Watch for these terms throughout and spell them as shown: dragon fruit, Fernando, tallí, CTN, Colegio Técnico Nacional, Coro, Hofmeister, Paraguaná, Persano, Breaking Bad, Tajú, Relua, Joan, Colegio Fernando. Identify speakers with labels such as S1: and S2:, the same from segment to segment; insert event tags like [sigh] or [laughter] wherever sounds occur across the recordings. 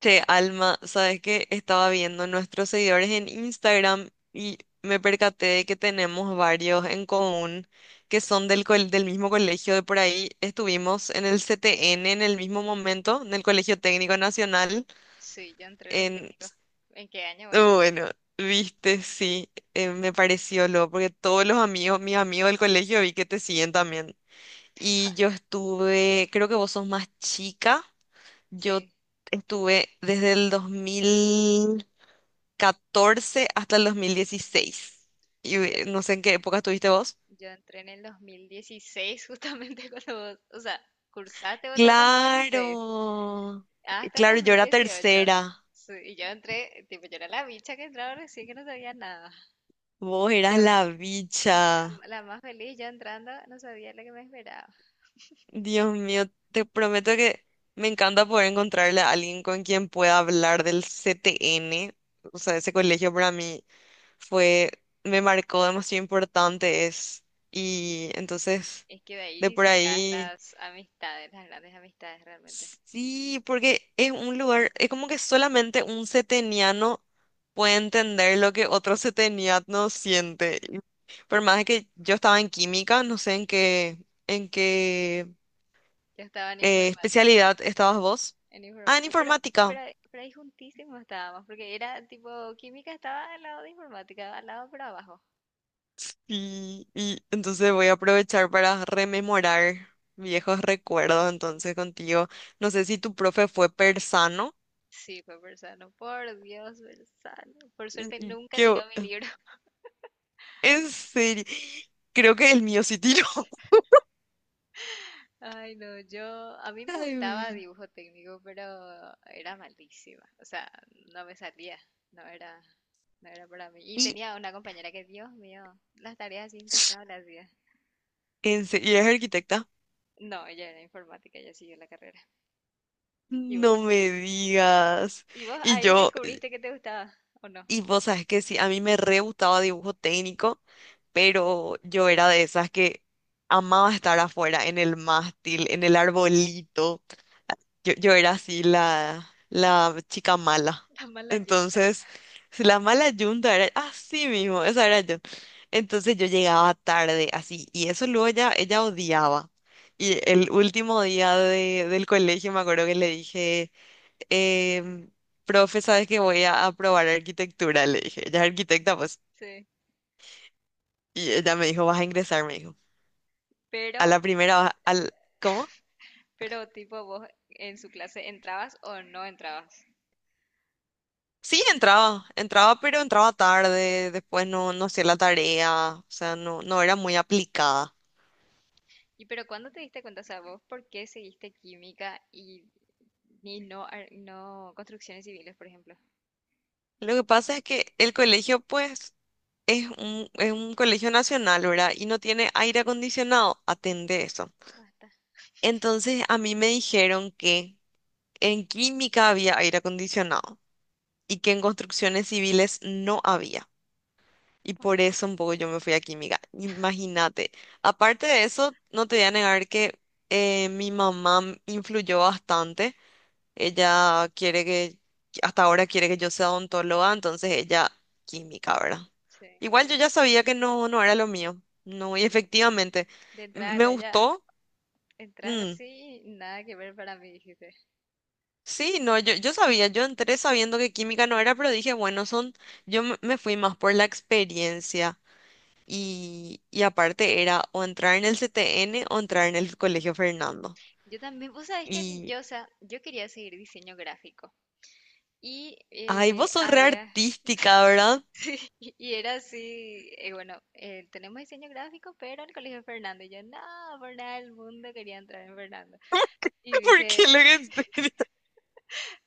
S1: Che, Alma, sabes que estaba viendo nuestros seguidores en Instagram y me percaté de que tenemos varios en común que son del mismo colegio de por ahí. Estuvimos en el CTN en el mismo momento, en el Colegio Técnico Nacional.
S2: Sí, yo entré en el
S1: En...
S2: técnico. ¿En qué año vos estuviste?
S1: Bueno, viste, sí, me pareció loco, porque todos los amigos, mis amigos del colegio vi que te siguen también. Y yo
S2: [laughs]
S1: estuve, creo que vos sos más chica, yo
S2: Sí,
S1: estuve desde el 2000. 14 hasta el 2016. Y
S2: yo,
S1: no sé en qué época estuviste vos.
S2: yo entré en el 2016 justamente [laughs] cuando vos, o sea, cursaste vos todo el 2016
S1: Claro,
S2: hasta el
S1: claro,
S2: dos
S1: yo
S2: mil
S1: era
S2: dieciocho.
S1: tercera.
S2: Sí, y yo entré, tipo, yo era la bicha que entraba recién que no sabía nada.
S1: Vos eras
S2: Yo,
S1: la bicha.
S2: la más feliz, yo entrando, no sabía lo que me esperaba.
S1: Dios mío, te prometo que me encanta poder encontrarle a alguien con quien pueda hablar del CTN. O sea, ese colegio para mí fue, me marcó demasiado importante es. Y entonces,
S2: Es que de
S1: de
S2: ahí
S1: por
S2: sacás
S1: ahí.
S2: las amistades, las grandes amistades realmente.
S1: Sí, porque es un lugar, es como que solamente un seteniano puede entender lo que otro seteniano siente. Y por más que yo estaba en química, no sé en qué
S2: Yo estaba en informática.
S1: especialidad estabas vos.
S2: En
S1: Ah, en
S2: informática. Pero,
S1: informática.
S2: pero, ahí- pero ahí juntísimos estábamos, porque era tipo, química estaba al lado de informática, al lado para abajo.
S1: Y entonces voy a aprovechar para rememorar viejos recuerdos entonces contigo. No sé si tu profe fue persano.
S2: Sí, fue Persano, por Dios, Persano. Por suerte nunca
S1: Que,
S2: tiró mi libro. [laughs]
S1: en serio, creo que el mío sí tiró.
S2: Ay, no, a mí me
S1: Ay,
S2: gustaba
S1: mi-
S2: dibujo técnico, pero era malísima. O sea, no me salía, no era, no era para mí. Y
S1: y,
S2: tenía una compañera que, Dios mío, las tareas así impecables hacía.
S1: ¿y es arquitecta?
S2: No, ella era informática, ella siguió la carrera. ¿Y
S1: No
S2: vos?
S1: me digas.
S2: ¿Y vos
S1: Y
S2: ahí
S1: yo,
S2: descubriste que te gustaba o no?
S1: y vos sabes que sí, a mí me re gustaba dibujo técnico, pero yo era de esas que amaba estar afuera, en el mástil, en el arbolito. Yo era así la chica mala.
S2: Está mal la yunta.
S1: Entonces, si la mala yunta era así mismo, esa era yo. Entonces yo llegaba tarde así y eso luego ella odiaba. Y
S2: Sí.
S1: el último día del colegio me acuerdo que le dije, em, profe, ¿sabes que voy a aprobar arquitectura? Le dije, ella es arquitecta, pues.
S2: Sí.
S1: Y ella me dijo, vas a ingresar, me dijo. A
S2: Pero,
S1: la primera, vas, al, ¿cómo?
S2: pero tipo vos en su clase entrabas o no entrabas.
S1: Sí, entraba, entraba, pero entraba tarde, después no, no hacía la tarea, o sea, no, no era muy aplicada.
S2: Y pero ¿cuándo te diste cuenta, o sea, vos por qué seguiste química y, no, no construcciones civiles, por ejemplo?
S1: Lo que pasa es que el colegio, pues, es un colegio nacional, ¿verdad? Y no tiene aire acondicionado, atende eso.
S2: Basta.
S1: Entonces, a mí me dijeron que en química había aire acondicionado y que en construcciones civiles no había. Y por eso un poco yo me fui a química. Imagínate. Aparte de eso, no te voy a negar que mi mamá influyó bastante. Ella quiere que, hasta ahora quiere que yo sea odontóloga, entonces ella química, ¿verdad?
S2: Sí.
S1: Igual yo ya sabía que no, no era lo mío. No, y
S2: De,
S1: efectivamente,
S2: de entrada
S1: me
S2: lo ya
S1: gustó.
S2: entraste
S1: Mm,
S2: así, nada que ver para mí, dijiste.
S1: sí, no, yo sabía, yo entré sabiendo que química no era, pero dije, bueno, son, yo me fui más por la experiencia. Y aparte era o entrar en el CTN o entrar en el Colegio Fernando.
S2: Yo también, vos sabés que
S1: Y,
S2: yo, o sea, yo quería seguir diseño gráfico. Y
S1: ay, vos sos re
S2: había
S1: artística,
S2: [laughs]
S1: ¿verdad?
S2: Sí, [laughs] y era así, bueno, tenemos diseño gráfico, pero el colegio de Fernando. Y yo, no, por nada del mundo quería entrar en Fernando. Y
S1: [laughs] Porque lo
S2: dije,
S1: que
S2: [laughs]
S1: estoy...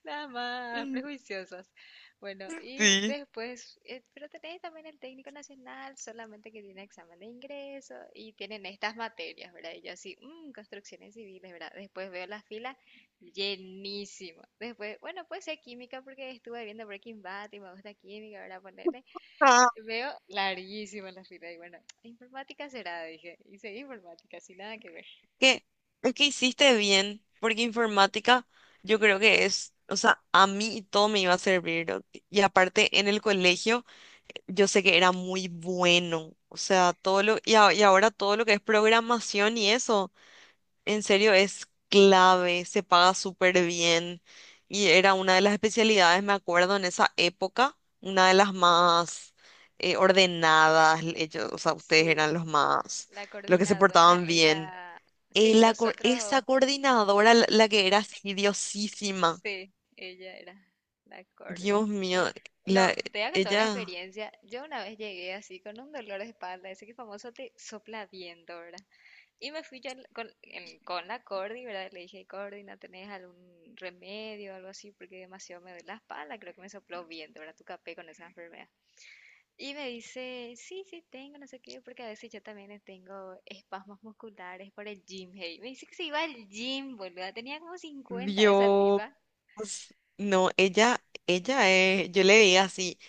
S2: nada más,
S1: [laughs]
S2: prejuiciosas. Bueno, y
S1: Sí.
S2: después, pero tenés también el técnico nacional, solamente que tiene examen de ingreso y tienen estas materias, ¿verdad? Y yo así, "Mm, construcciones civiles, ¿verdad? Después veo la fila llenísima. Después, bueno, puede ser química porque estuve viendo Breaking Bad y me gusta química, ¿verdad? Poner
S1: Ah,
S2: veo larguísima la fila y bueno, informática será, dije. Y seguí informática, sin nada que ver.
S1: que, es que hiciste bien, porque informática yo creo que es, o sea, a mí todo me iba a servir, ¿no? Y aparte en el colegio yo sé que era muy bueno, o sea, todo lo, y ahora todo lo que es programación y eso. En serio, es clave, se paga súper bien. Y era una de las especialidades, me acuerdo, en esa época, una de las más ordenadas. Ellos, o sea, ustedes
S2: Sí,
S1: eran los más,
S2: la
S1: los que se
S2: coordinadora
S1: portaban bien.
S2: era... Sí,
S1: Esa
S2: nosotros,
S1: coordinadora, la que era así, diosísima.
S2: sí, ella era la coordinadora.
S1: Dios mío,
S2: No,
S1: la,
S2: te voy a contar una
S1: ella,
S2: experiencia. Yo una vez llegué así con un dolor de espalda, ese que famoso te sopla viento, ¿verdad? Y me fui yo con la Cordi, ¿verdad? Le dije, Cordi, ¿no tenés algún remedio o algo así? Porque demasiado me duele la espalda, creo que me sopló viento, ¿verdad? Tu capé con esa enfermedad. Y me dice, sí, sí, tengo, no sé qué, porque a veces yo también tengo espasmos musculares por el gym, hey. Me dice que se iba al gym, boluda. Tenía como 50 esa
S1: Dios,
S2: tipa.
S1: no, ella es, yo le veía así.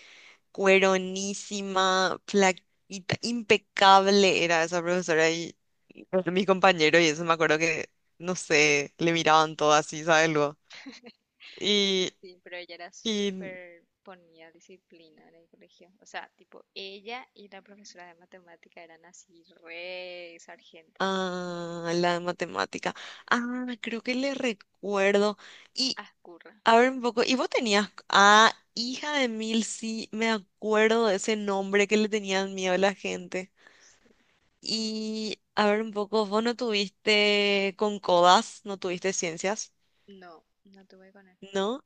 S1: Cueronísima, flaquita, impecable era esa profesora y mis compañeros y eso me acuerdo que, no sé, le miraban todo así, ¿sabes luego? Y,
S2: Sí, pero ella era
S1: y
S2: súper, ponía disciplina en el colegio. O sea, tipo, ella y la profesora de matemática eran así, re sargentas.
S1: ah, la de matemática. Ah, creo que le recuerdo. Y
S2: Ascurra.
S1: a ver un poco, y vos tenías, ah, hija de mil, sí, me acuerdo de ese nombre que le tenían miedo a la gente.
S2: Sí.
S1: Y a ver un poco, vos no tuviste con codas, no tuviste ciencias,
S2: No, no tuve con él.
S1: ¿no?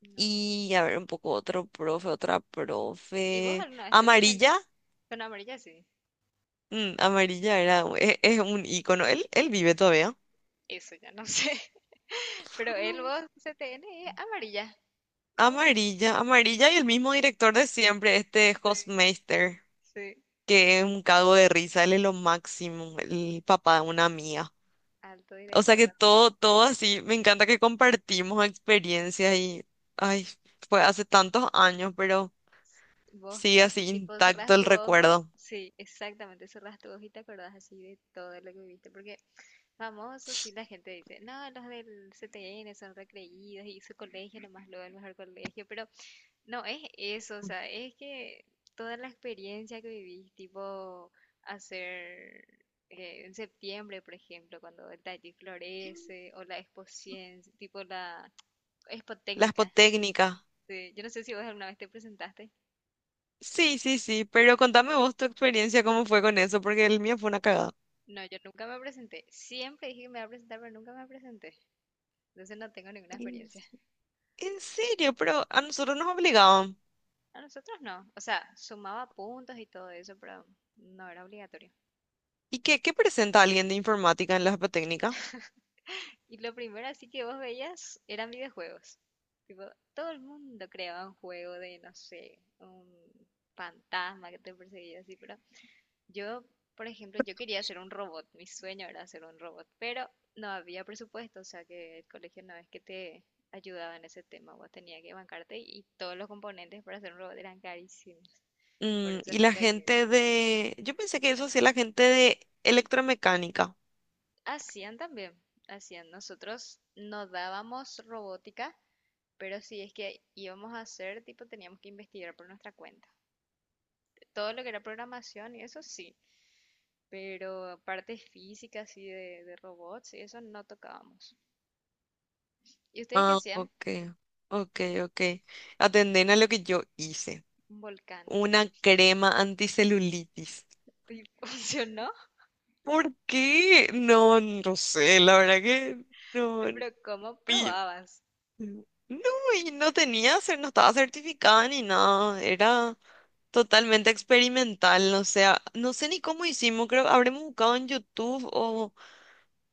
S2: No, no tuve.
S1: Y a ver, un poco otro profe, otra
S2: ¿Y vos
S1: profe.
S2: alguna vez te presentaste
S1: Amarilla,
S2: con amarilla? Sí.
S1: amarilla era, es un ícono, él vive todavía.
S2: Eso ya no sé. [laughs] Pero él, vos, CTN, es amarilla. Amarilla.
S1: Amarilla, amarilla y el mismo director de siempre, este
S2: Sí,
S1: Hofmeister,
S2: sí. El mi-
S1: que es un cago de risa, él es lo máximo, el papá de una amiga.
S2: Alto
S1: O sea
S2: director
S1: que
S2: de arte.
S1: todo, todo así, me encanta que compartimos experiencias y, ay, fue hace tantos años, pero
S2: Vos
S1: sigue
S2: así
S1: así
S2: tipo
S1: intacto
S2: cerrás
S1: el
S2: tu ojo,
S1: recuerdo.
S2: sí, exactamente, cerrás tu ojo y te acordás así de todo lo que viviste, porque famosos sí la gente dice, no, los del CTN son recreídos y su colegio nomás lo el mejor colegio, pero no es eso, o sea, es que toda la experiencia que vivís, tipo hacer en septiembre, por ejemplo, cuando el taller florece o la exposición, tipo la expo.
S1: La espotécnica.
S2: Sí, yo no sé si vos alguna vez te presentaste.
S1: Sí, sí, sí, pero contame vos tu experiencia, cómo fue con eso, porque el mío fue una cagada.
S2: No, yo nunca me presenté. Siempre dije que me iba a presentar, pero nunca me presenté. Entonces no tengo ninguna
S1: En
S2: experiencia.
S1: en serio, pero a nosotros nos obligaban.
S2: A nosotros no. O sea, sumaba puntos y todo eso, pero no era obligatorio.
S1: ¿Y qué, qué presenta alguien de informática en la apatécnica?
S2: Y lo primero así que vos veías eran videojuegos. Tipo, todo el mundo creaba un juego de, no sé, un fantasma que te perseguía así, pero yo, por ejemplo, yo quería hacer un robot, mi sueño era hacer un robot, pero no había presupuesto, o sea que el colegio no es que te ayudaba en ese tema, vos tenías que bancarte y todos los componentes para hacer un robot eran carísimos, por
S1: Mm,
S2: eso
S1: y la
S2: nunca hicimos.
S1: gente de... Yo pensé que eso hacía la gente de electromecánica.
S2: Hacían también, nosotros no dábamos robótica, pero si es que íbamos a hacer, tipo, teníamos que investigar por nuestra cuenta. Todo lo que era programación y eso sí, pero partes físicas y de robots y eso no tocábamos. ¿Y ustedes qué
S1: Ah,
S2: hacían?
S1: ok, ok, ok. Atenden a lo que yo hice.
S2: Un volcán.
S1: Una crema anticelulitis.
S2: Y [laughs] funcionó,
S1: ¿Por qué? No, no sé, la verdad que no.
S2: pero ¿cómo probabas?
S1: Mm. No, y no tenía, no estaba certificada ni nada, era totalmente experimental, no sé, no sé ni cómo hicimos, creo que habremos buscado en YouTube o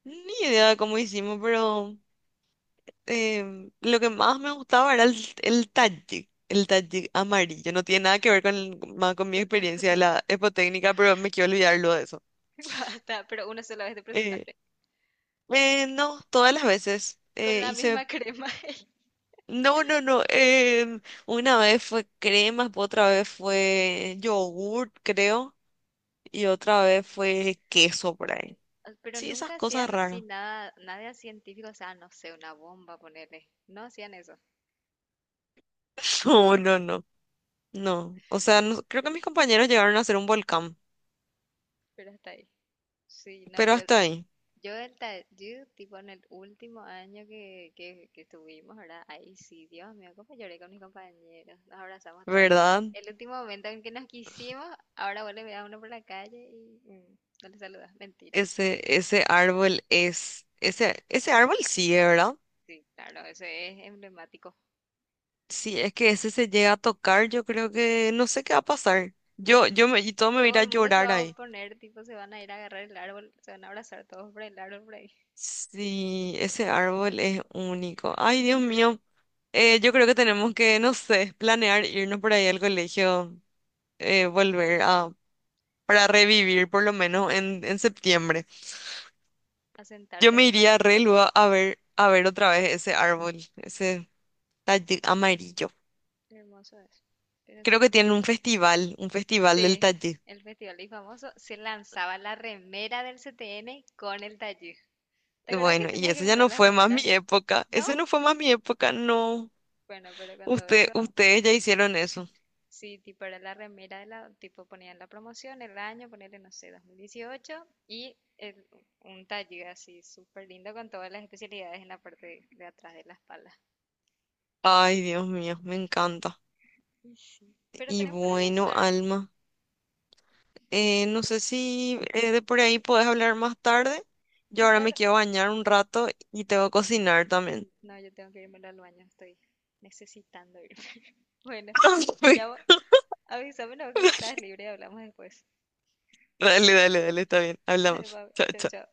S1: ni idea de cómo hicimos, pero lo que más me gustaba era el talle amarillo, no tiene nada que ver con, más con mi
S2: Con la
S1: experiencia de
S2: botella.
S1: la epotécnica, pero me quiero olvidarlo de eso.
S2: [laughs] Basta, pero una sola vez te
S1: Eh,
S2: presentaste.
S1: no, todas las veces
S2: Con la
S1: hice.
S2: misma crema. [laughs]
S1: No, no, no. Una vez fue crema, otra vez fue yogurt, creo, y otra vez fue queso por ahí.
S2: Pero
S1: Sí, esas
S2: nunca
S1: cosas
S2: hacían así
S1: raras.
S2: nada, nada científico, o sea, no sé, una bomba, ponerle. No hacían eso,
S1: [laughs] No, no, no. No. O sea, no- creo que mis compañeros llegaron a hacer un volcán,
S2: pero hasta ahí. Sí, no,
S1: pero
S2: yo
S1: hasta ahí,
S2: yo el Tajú, tipo en el último año que estuvimos, ¿verdad? Ahí sí, Dios mío, cómo lloré con mis compañeros. Nos abrazamos todo ahí.
S1: ¿verdad?
S2: El último momento en que nos quisimos, ahora vos le veas a uno por la calle y no le saludas. Mentira.
S1: Ese árbol es, ese árbol sí, ¿eh? ¿Verdad?
S2: Sí, claro, eso es emblemático.
S1: Si es que ese se llega a tocar, yo creo que no sé qué va a pasar.
S2: Nadie,
S1: Y todo me va a ir
S2: todo
S1: a
S2: el mundo se
S1: llorar
S2: va a
S1: ahí.
S2: oponer, tipo, se van a ir a agarrar el árbol, se van a abrazar todos por el árbol por ahí,
S1: Sí, ese árbol es único. Ay, Dios mío. Yo creo que tenemos que, no sé, planear irnos por ahí al colegio, volver a, para revivir por lo menos en septiembre.
S2: a
S1: Yo
S2: sentarte en
S1: me
S2: el
S1: iría a
S2: banquito.
S1: Relua a ver otra vez ese árbol, ese tallí amarillo.
S2: Qué hermoso es. Pero sí
S1: Creo que tienen
S2: tenemos.
S1: un festival del
S2: Sí,
S1: tallí.
S2: el festival y famoso se lanzaba la remera del CTN con el taller. ¿Te acuerdas que
S1: Bueno, y
S2: tenías que
S1: eso ya
S2: comprar
S1: no
S2: las
S1: fue más mi
S2: remeras?
S1: época.
S2: ¿No?
S1: Ese no fue más mi época, no.
S2: Bueno, pero cuando eso,
S1: Ustedes ya hicieron eso.
S2: sí, tipo era la remera de la, tipo ponían la promoción, el año, ponerle, no sé, 2018 y un taller así súper lindo con todas las especialidades en la parte de atrás de la espalda.
S1: Ay, Dios mío, me encanta.
S2: Y sí, pero
S1: Y
S2: tenemos que
S1: bueno,
S2: organizar.
S1: Alma, no sé si de por ahí podés hablar más tarde. Yo
S2: Más
S1: ahora me
S2: tarde,
S1: quiero bañar un rato y tengo que cocinar también.
S2: no, yo tengo que irme al baño, estoy necesitando irme. [laughs] Bueno, te llamo,
S1: [laughs]
S2: avísame luego cuando estás libre y hablamos después.
S1: Dale, dale, dale, está bien.
S2: [laughs]
S1: Hablamos.
S2: Dale,
S1: Chao,
S2: chao,
S1: chao.
S2: chao.